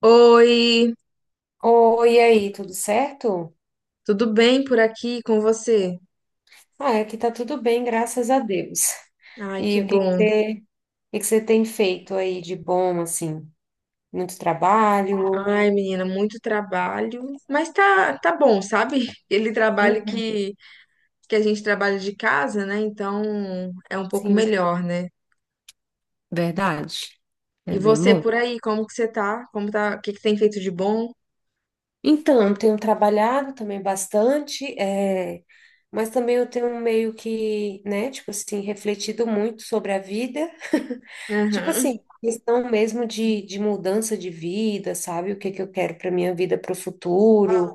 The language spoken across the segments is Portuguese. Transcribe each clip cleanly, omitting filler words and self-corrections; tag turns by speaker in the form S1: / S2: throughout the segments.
S1: Oi,
S2: Oi, e aí, tudo certo?
S1: tudo bem por aqui com você?
S2: Ah, aqui tá tudo bem, graças a Deus.
S1: Ai, que
S2: E o que que
S1: bom.
S2: você, o que que você tem feito aí de bom, assim? Muito trabalho?
S1: Ai, menina, muito trabalho, mas tá bom, sabe? Ele trabalho
S2: Uhum,
S1: que a gente trabalha de casa, né? Então é um pouco
S2: sim,
S1: melhor, né?
S2: verdade.
S1: E
S2: É bem
S1: você
S2: bom.
S1: por aí, como que você tá? Como tá? O que que tem feito de bom?
S2: Então, eu tenho trabalhado também bastante, mas também eu tenho meio que, né, tipo assim, refletido muito sobre a vida. Tipo
S1: Aham,
S2: assim, questão mesmo de mudança de vida, sabe? O que que eu quero para minha vida, para o futuro.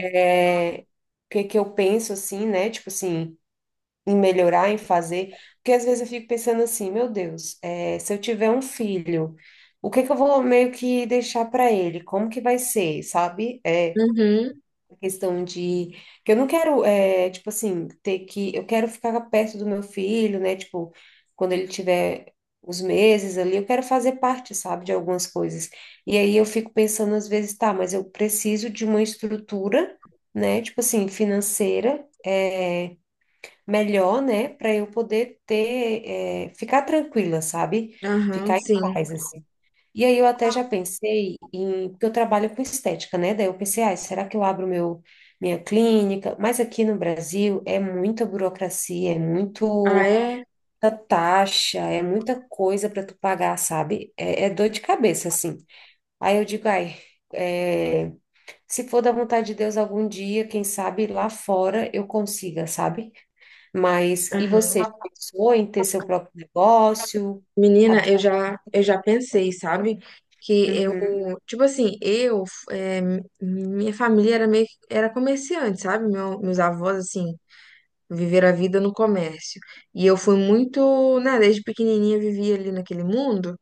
S2: O que que eu penso assim, né? Tipo assim, em melhorar, em fazer. Porque às vezes eu fico pensando assim, meu Deus, se eu tiver um filho, o que que eu vou meio que deixar para ele? Como que vai ser, sabe?
S1: uhum,
S2: Questão de que eu não quero tipo assim, ter que, eu quero ficar perto do meu filho, né, tipo, quando ele tiver os meses ali, eu quero fazer parte, sabe, de algumas coisas. E aí eu fico pensando às vezes, tá, mas eu preciso de uma estrutura, né, tipo assim, financeira, melhor, né, para eu poder ter, ficar tranquila, sabe,
S1: aham,
S2: ficar em
S1: sim.
S2: paz assim. E aí eu até já pensei em, porque eu trabalho com estética, né? Daí eu pensei, ah, será que eu abro minha clínica? Mas aqui no Brasil é muita burocracia, é
S1: Ah,
S2: muito
S1: é?
S2: muita taxa, é muita coisa para tu pagar, sabe? É dor de cabeça, assim. Aí eu digo, ai, é, se for da vontade de Deus algum dia, quem sabe lá fora eu consiga, sabe? Mas, e você, já
S1: Aham.
S2: pensou em ter seu próprio negócio?
S1: Menina,
S2: Abrir...
S1: eu já pensei, sabe? Que eu,
S2: Uhum,
S1: tipo assim, é, minha família era era comerciante, sabe? Meus avós, assim, viveram a vida no comércio. E eu fui muito, né, desde pequenininha vivia ali naquele mundo.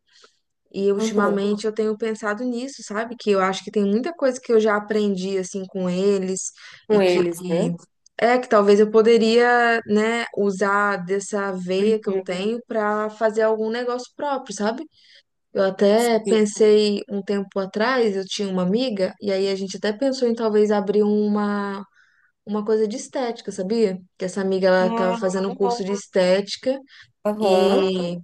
S1: E
S2: uhum.
S1: ultimamente eu tenho pensado nisso, sabe? Que eu acho que tem muita coisa que eu já aprendi, assim, com eles.
S2: Com
S1: E que,
S2: eles, né?
S1: que talvez eu poderia, né, usar dessa veia que eu
S2: Uhum.
S1: tenho pra fazer algum negócio próprio, sabe? Eu até
S2: Sim.
S1: pensei um tempo atrás, eu tinha uma amiga, e aí a gente até pensou em talvez abrir uma coisa de estética, sabia? Que essa amiga ela tava
S2: Ah,
S1: fazendo um curso
S2: legal.
S1: de estética
S2: Aham.
S1: e,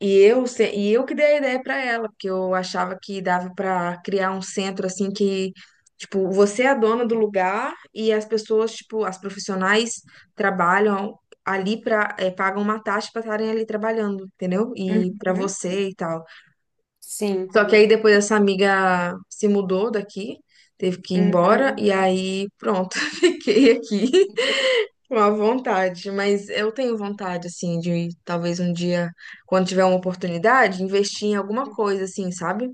S1: e eu que dei a ideia para ela, porque eu achava que dava para criar um centro assim que tipo, você é a dona do lugar e as pessoas, tipo, as profissionais trabalham ali para pagam uma taxa para estarem ali trabalhando, entendeu? E para
S2: Uhum.
S1: você e tal.
S2: Sim.
S1: Só que aí depois essa amiga se mudou daqui, teve que ir embora,
S2: Uhum.
S1: e aí pronto, fiquei aqui com a vontade. Mas eu tenho vontade, assim, de talvez um dia, quando tiver uma oportunidade, investir em alguma coisa, assim, sabe?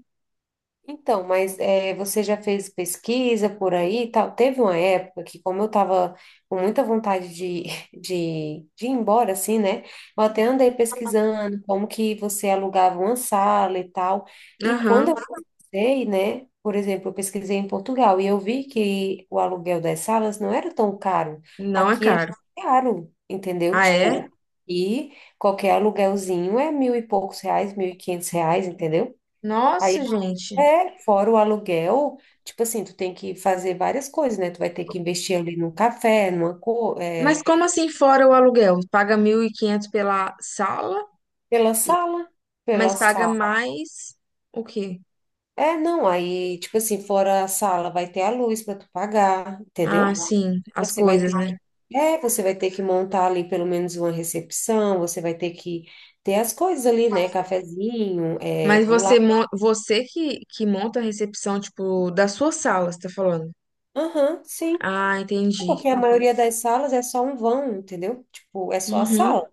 S2: Então, mas você já fez pesquisa por aí e tal? Teve uma época que, como eu estava com muita vontade de, de ir embora, assim, né? Eu até andei pesquisando como que você alugava uma sala e tal. E quando
S1: Aham,
S2: eu pesquisei, né? Por exemplo, eu pesquisei em Portugal e eu vi que o aluguel das salas não era tão caro.
S1: não é
S2: Aqui é
S1: caro.
S2: caro, entendeu?
S1: Ah, é?
S2: Tipo, e qualquer aluguelzinho é mil e poucos reais, 1.500 reais, entendeu?
S1: Nossa, gente.
S2: É, fora o aluguel, tipo assim, tu tem que fazer várias coisas, né? Tu vai ter que investir ali num café,
S1: Mas como assim fora o aluguel? Paga 1.500 pela sala,
S2: pela sala, pela
S1: mas paga
S2: sala.
S1: mais o quê?
S2: É, não, aí, tipo assim, fora a sala, vai ter a luz para tu pagar,
S1: Ah,
S2: entendeu?
S1: sim, as
S2: Você vai
S1: coisas,
S2: ter que,
S1: né?
S2: Você vai ter que montar ali pelo menos uma recepção, você vai ter que ter as coisas ali, né? Cafezinho,
S1: Mas
S2: bolacha.
S1: você que monta a recepção, tipo, da sua sala, você tá falando?
S2: Aham, sim.
S1: Ah,
S2: É,
S1: entendi.
S2: porque a maioria das salas é só um vão, entendeu? Tipo, é só a
S1: Uhum.
S2: sala.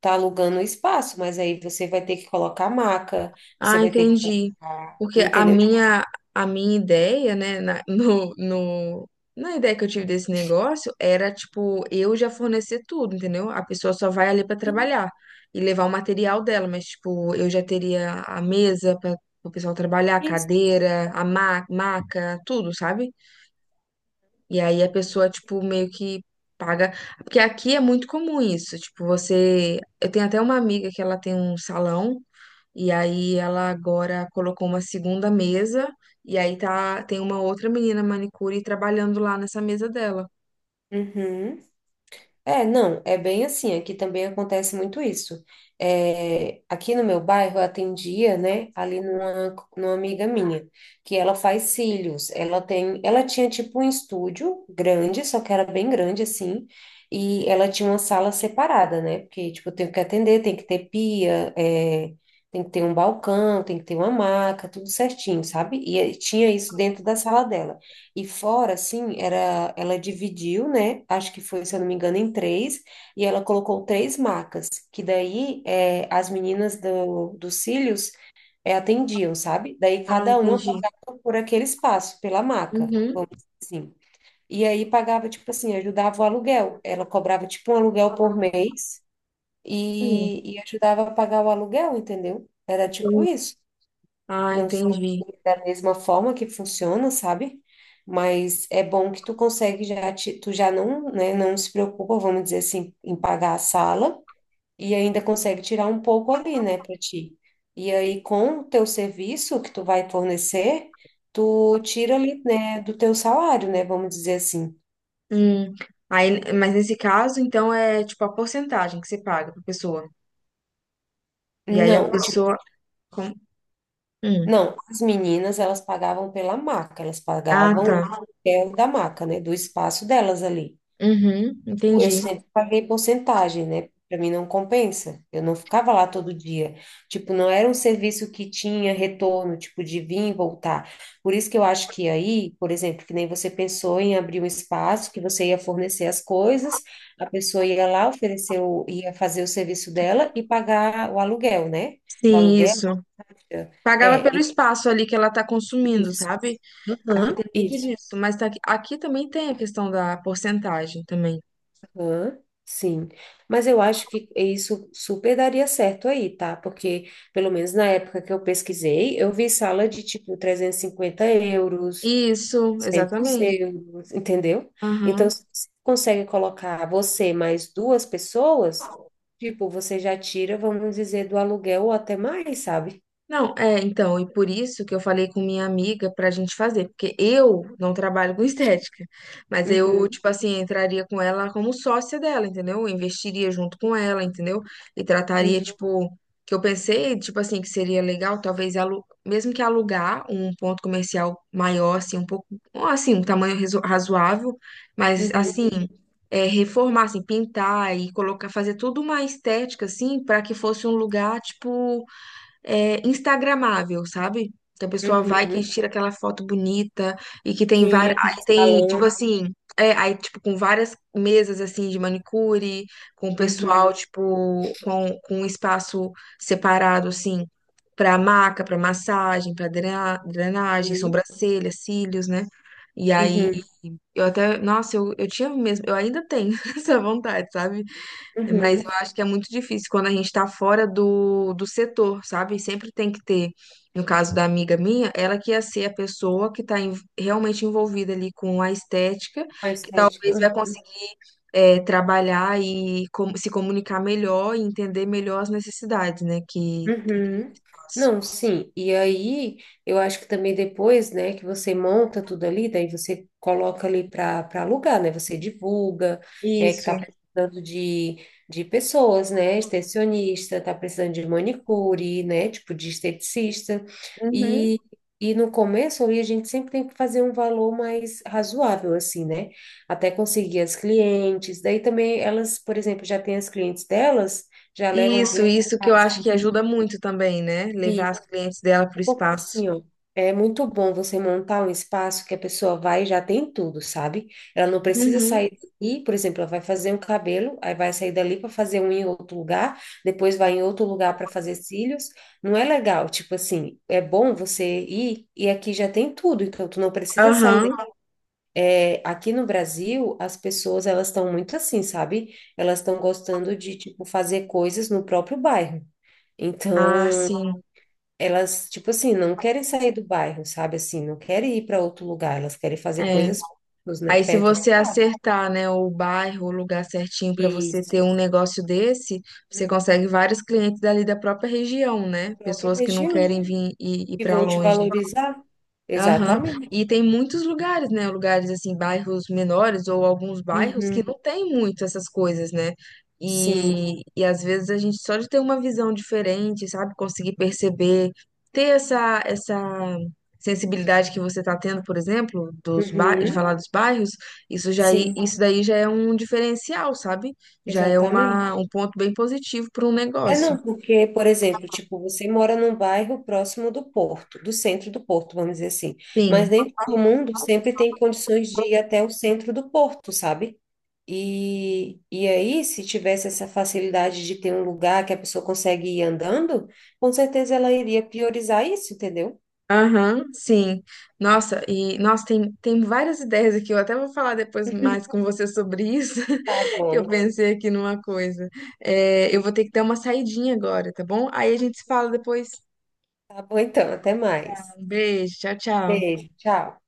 S2: Tá alugando o espaço, mas aí você vai ter que colocar maca, você
S1: Ah,
S2: vai ter que
S1: entendi.
S2: colocar,
S1: Porque
S2: entendeu? Tipo,
S1: a minha ideia, né, no, no, na ideia que eu tive desse negócio, era, tipo, eu já fornecer tudo, entendeu? A pessoa só vai ali pra trabalhar e levar o material dela, mas, tipo, eu já teria a mesa para o pessoal trabalhar, a
S2: isso.
S1: cadeira, a ma maca, tudo, sabe? E aí a pessoa, tipo, meio que paga. Porque aqui é muito comum isso. Tipo, você. Eu tenho até uma amiga que ela tem um salão, e aí ela agora colocou uma segunda mesa, e aí tá tem uma outra menina manicure trabalhando lá nessa mesa dela.
S2: Uhum. É, não, é bem assim. Aqui também acontece muito isso. É, aqui no meu bairro eu atendia, né, ali numa amiga minha, que ela faz cílios. Ela tinha tipo um estúdio grande, só que era bem grande assim, e ela tinha uma sala separada, né? Porque tipo tem que atender, tem que ter pia, tem que ter um balcão, tem que ter uma maca, tudo certinho, sabe? Tinha isso dentro da sala dela. E fora, assim, era, ela dividiu, né? Acho que foi, se eu não me engano, em três, e ela colocou três macas, que daí, as meninas dos cílios, atendiam, sabe? Daí
S1: Ah,
S2: cada uma
S1: entendi.
S2: pagava por aquele espaço, pela maca,
S1: Uhum.
S2: vamos dizer assim. E aí pagava, tipo assim, ajudava o aluguel. Ela cobrava, tipo, um aluguel por mês
S1: Hum,
S2: e ajudava a pagar o aluguel, entendeu? Era tipo
S1: entendi.
S2: isso.
S1: Ah,
S2: Não sei se
S1: entendi.
S2: é da mesma forma que funciona, sabe? Mas é bom que tu consegue já, tu já não, né, não se preocupa, vamos dizer assim, em pagar a sala e ainda consegue tirar um pouco ali, né, para ti. E aí, com o teu serviço que tu vai fornecer, tu tira ali, né, do teu salário, né, vamos dizer assim.
S1: Hum. Aí, mas nesse caso, então, é tipo a porcentagem que você paga pra pessoa. E aí a
S2: Não, tipo,
S1: pessoa. com- Hum.
S2: não, as meninas, elas pagavam pela maca, elas
S1: Ah,
S2: pagavam
S1: tá.
S2: o aluguel da maca, né, do espaço delas ali.
S1: Uhum,
S2: Eu
S1: entendi.
S2: sempre paguei porcentagem, né? Para mim não compensa. Eu não ficava lá todo dia. Tipo, não era um serviço que tinha retorno, tipo, de vir e voltar. Por isso que eu acho que aí, por exemplo, que nem você pensou em abrir um espaço que você ia fornecer as coisas, a pessoa ia lá, ia fazer o serviço dela e pagar o aluguel, né? O
S1: Sim,
S2: aluguel.
S1: isso. Pagava
S2: É,
S1: pelo espaço ali que ela tá consumindo,
S2: isso.
S1: sabe? Aqui
S2: Aham,
S1: tem muito
S2: isso.
S1: disso, mas tá aqui, aqui também tem a questão da porcentagem também.
S2: Hã? Sim, mas eu acho que isso super daria certo aí, tá? Porque, pelo menos na época que eu pesquisei, eu vi sala de tipo 350 euros,
S1: Isso,
S2: 100
S1: exatamente.
S2: euros, entendeu? Então,
S1: Aham.
S2: se você consegue colocar você mais duas pessoas, tipo, você já tira, vamos dizer, do aluguel ou até mais, sabe?
S1: Não, é, então, e por isso que eu falei com minha amiga pra gente fazer, porque eu não trabalho com estética, mas eu,
S2: Uhum,
S1: tipo assim, entraria com ela como sócia dela, entendeu? Eu investiria junto com ela, entendeu? E trataria,
S2: uhum,
S1: tipo, que eu pensei, tipo assim, que seria legal, talvez, alu mesmo que alugar um ponto comercial maior, assim, um pouco, ou, assim, um tamanho razoável, mas, assim,
S2: uhum,
S1: é, reformar, assim, pintar e colocar, fazer tudo uma estética, assim, pra que fosse um lugar, tipo instagramável, sabe? Que a pessoa vai, que
S2: uhum.
S1: tira aquela foto bonita e que tem
S2: Sim,
S1: várias,
S2: aquele
S1: aí tem, tipo
S2: salão.
S1: assim, é, aí tipo com várias mesas assim de manicure, com o pessoal
S2: Uhum,
S1: tipo com um espaço separado assim para maca, para massagem, para drenagem,
S2: uhum,
S1: sobrancelha, cílios, né? E aí
S2: uhum,
S1: eu até, nossa, eu tinha mesmo, eu ainda tenho essa vontade, sabe? Mas
S2: uhum.
S1: eu acho que é muito difícil quando a gente está fora do setor, sabe? Sempre tem que ter, no caso da amiga minha, ela que ia ser a pessoa que está realmente envolvida ali com a estética,
S2: A
S1: que
S2: estética.
S1: talvez vai conseguir é, trabalhar e se comunicar melhor e entender melhor as necessidades, né? Que
S2: Uhum. Não, sim. E aí, eu acho que também depois, né, que você monta tudo ali, daí você coloca ali para alugar, né? Você divulga, é que
S1: Isso.
S2: tá precisando de pessoas, né? Extensionista, tá precisando de manicure, né? Tipo de esteticista.
S1: Uhum.
S2: E, e no começo ali, a gente sempre tem que fazer um valor mais razoável, assim, né? Até conseguir as clientes. Daí também elas, por exemplo, já tem as clientes delas, já levam para o
S1: Isso que eu
S2: espaço.
S1: acho que ajuda muito também, né? Levar as clientes dela para o
S2: É porque
S1: espaço.
S2: assim, ó, é muito bom você montar um espaço que a pessoa vai e já tem tudo, sabe? Ela não precisa
S1: Uhum.
S2: sair daqui, por exemplo, ela vai fazer um cabelo, aí vai sair dali para fazer um em outro lugar, depois vai em outro lugar para fazer cílios. Não é legal, tipo assim, é bom você ir e aqui já tem tudo, então tu não precisa sair daqui.
S1: Aham.
S2: É, aqui no Brasil, as pessoas, elas estão muito assim, sabe? Elas estão gostando de tipo fazer coisas no próprio bairro.
S1: Ah,
S2: Então,
S1: sim.
S2: elas, tipo assim, não querem sair do bairro, sabe? Assim, não querem ir para outro lugar, elas querem fazer
S1: É.
S2: coisas, né,
S1: Aí, se
S2: perto de
S1: você
S2: casa.
S1: acertar, né, o bairro, o lugar certinho para você
S2: Isso.
S1: ter um negócio desse, você
S2: Uhum.
S1: consegue vários clientes dali da própria região,
S2: Da
S1: né?
S2: própria
S1: Pessoas que não
S2: região,
S1: querem vir e ir
S2: que
S1: para
S2: vão te
S1: longe.
S2: valorizar.
S1: Aham.
S2: Exatamente.
S1: E tem muitos lugares, né? Lugares assim, bairros menores ou alguns bairros que
S2: Uhum.
S1: não tem muito essas coisas, né?
S2: Sim.
S1: E às vezes a gente só de ter uma visão diferente, sabe? Conseguir perceber, ter essa sensibilidade que você está tendo, por exemplo, de
S2: Uhum.
S1: falar dos bairros,
S2: Sim,
S1: isso daí já é um diferencial, sabe? Já é uma,
S2: exatamente.
S1: um ponto bem positivo para um
S2: É,
S1: negócio.
S2: não, porque, por exemplo, tipo, você mora num bairro próximo do Porto, do centro do Porto, vamos dizer assim, mas
S1: Sim.
S2: nem todo mundo sempre tem condições de ir até o centro do Porto, sabe? E aí, se tivesse essa facilidade de ter um lugar que a pessoa consegue ir andando, com certeza ela iria priorizar isso, entendeu?
S1: Aham, sim. Nossa, e nossa, tem várias ideias aqui. Eu até vou falar depois mais com você sobre isso,
S2: Tá
S1: que eu
S2: bom.
S1: pensei aqui numa coisa. É, eu vou ter que dar uma saidinha agora, tá bom? Aí a gente se fala depois.
S2: Tá bom, então, até mais.
S1: Um beijo, tchau, tchau.
S2: Beijo, tchau.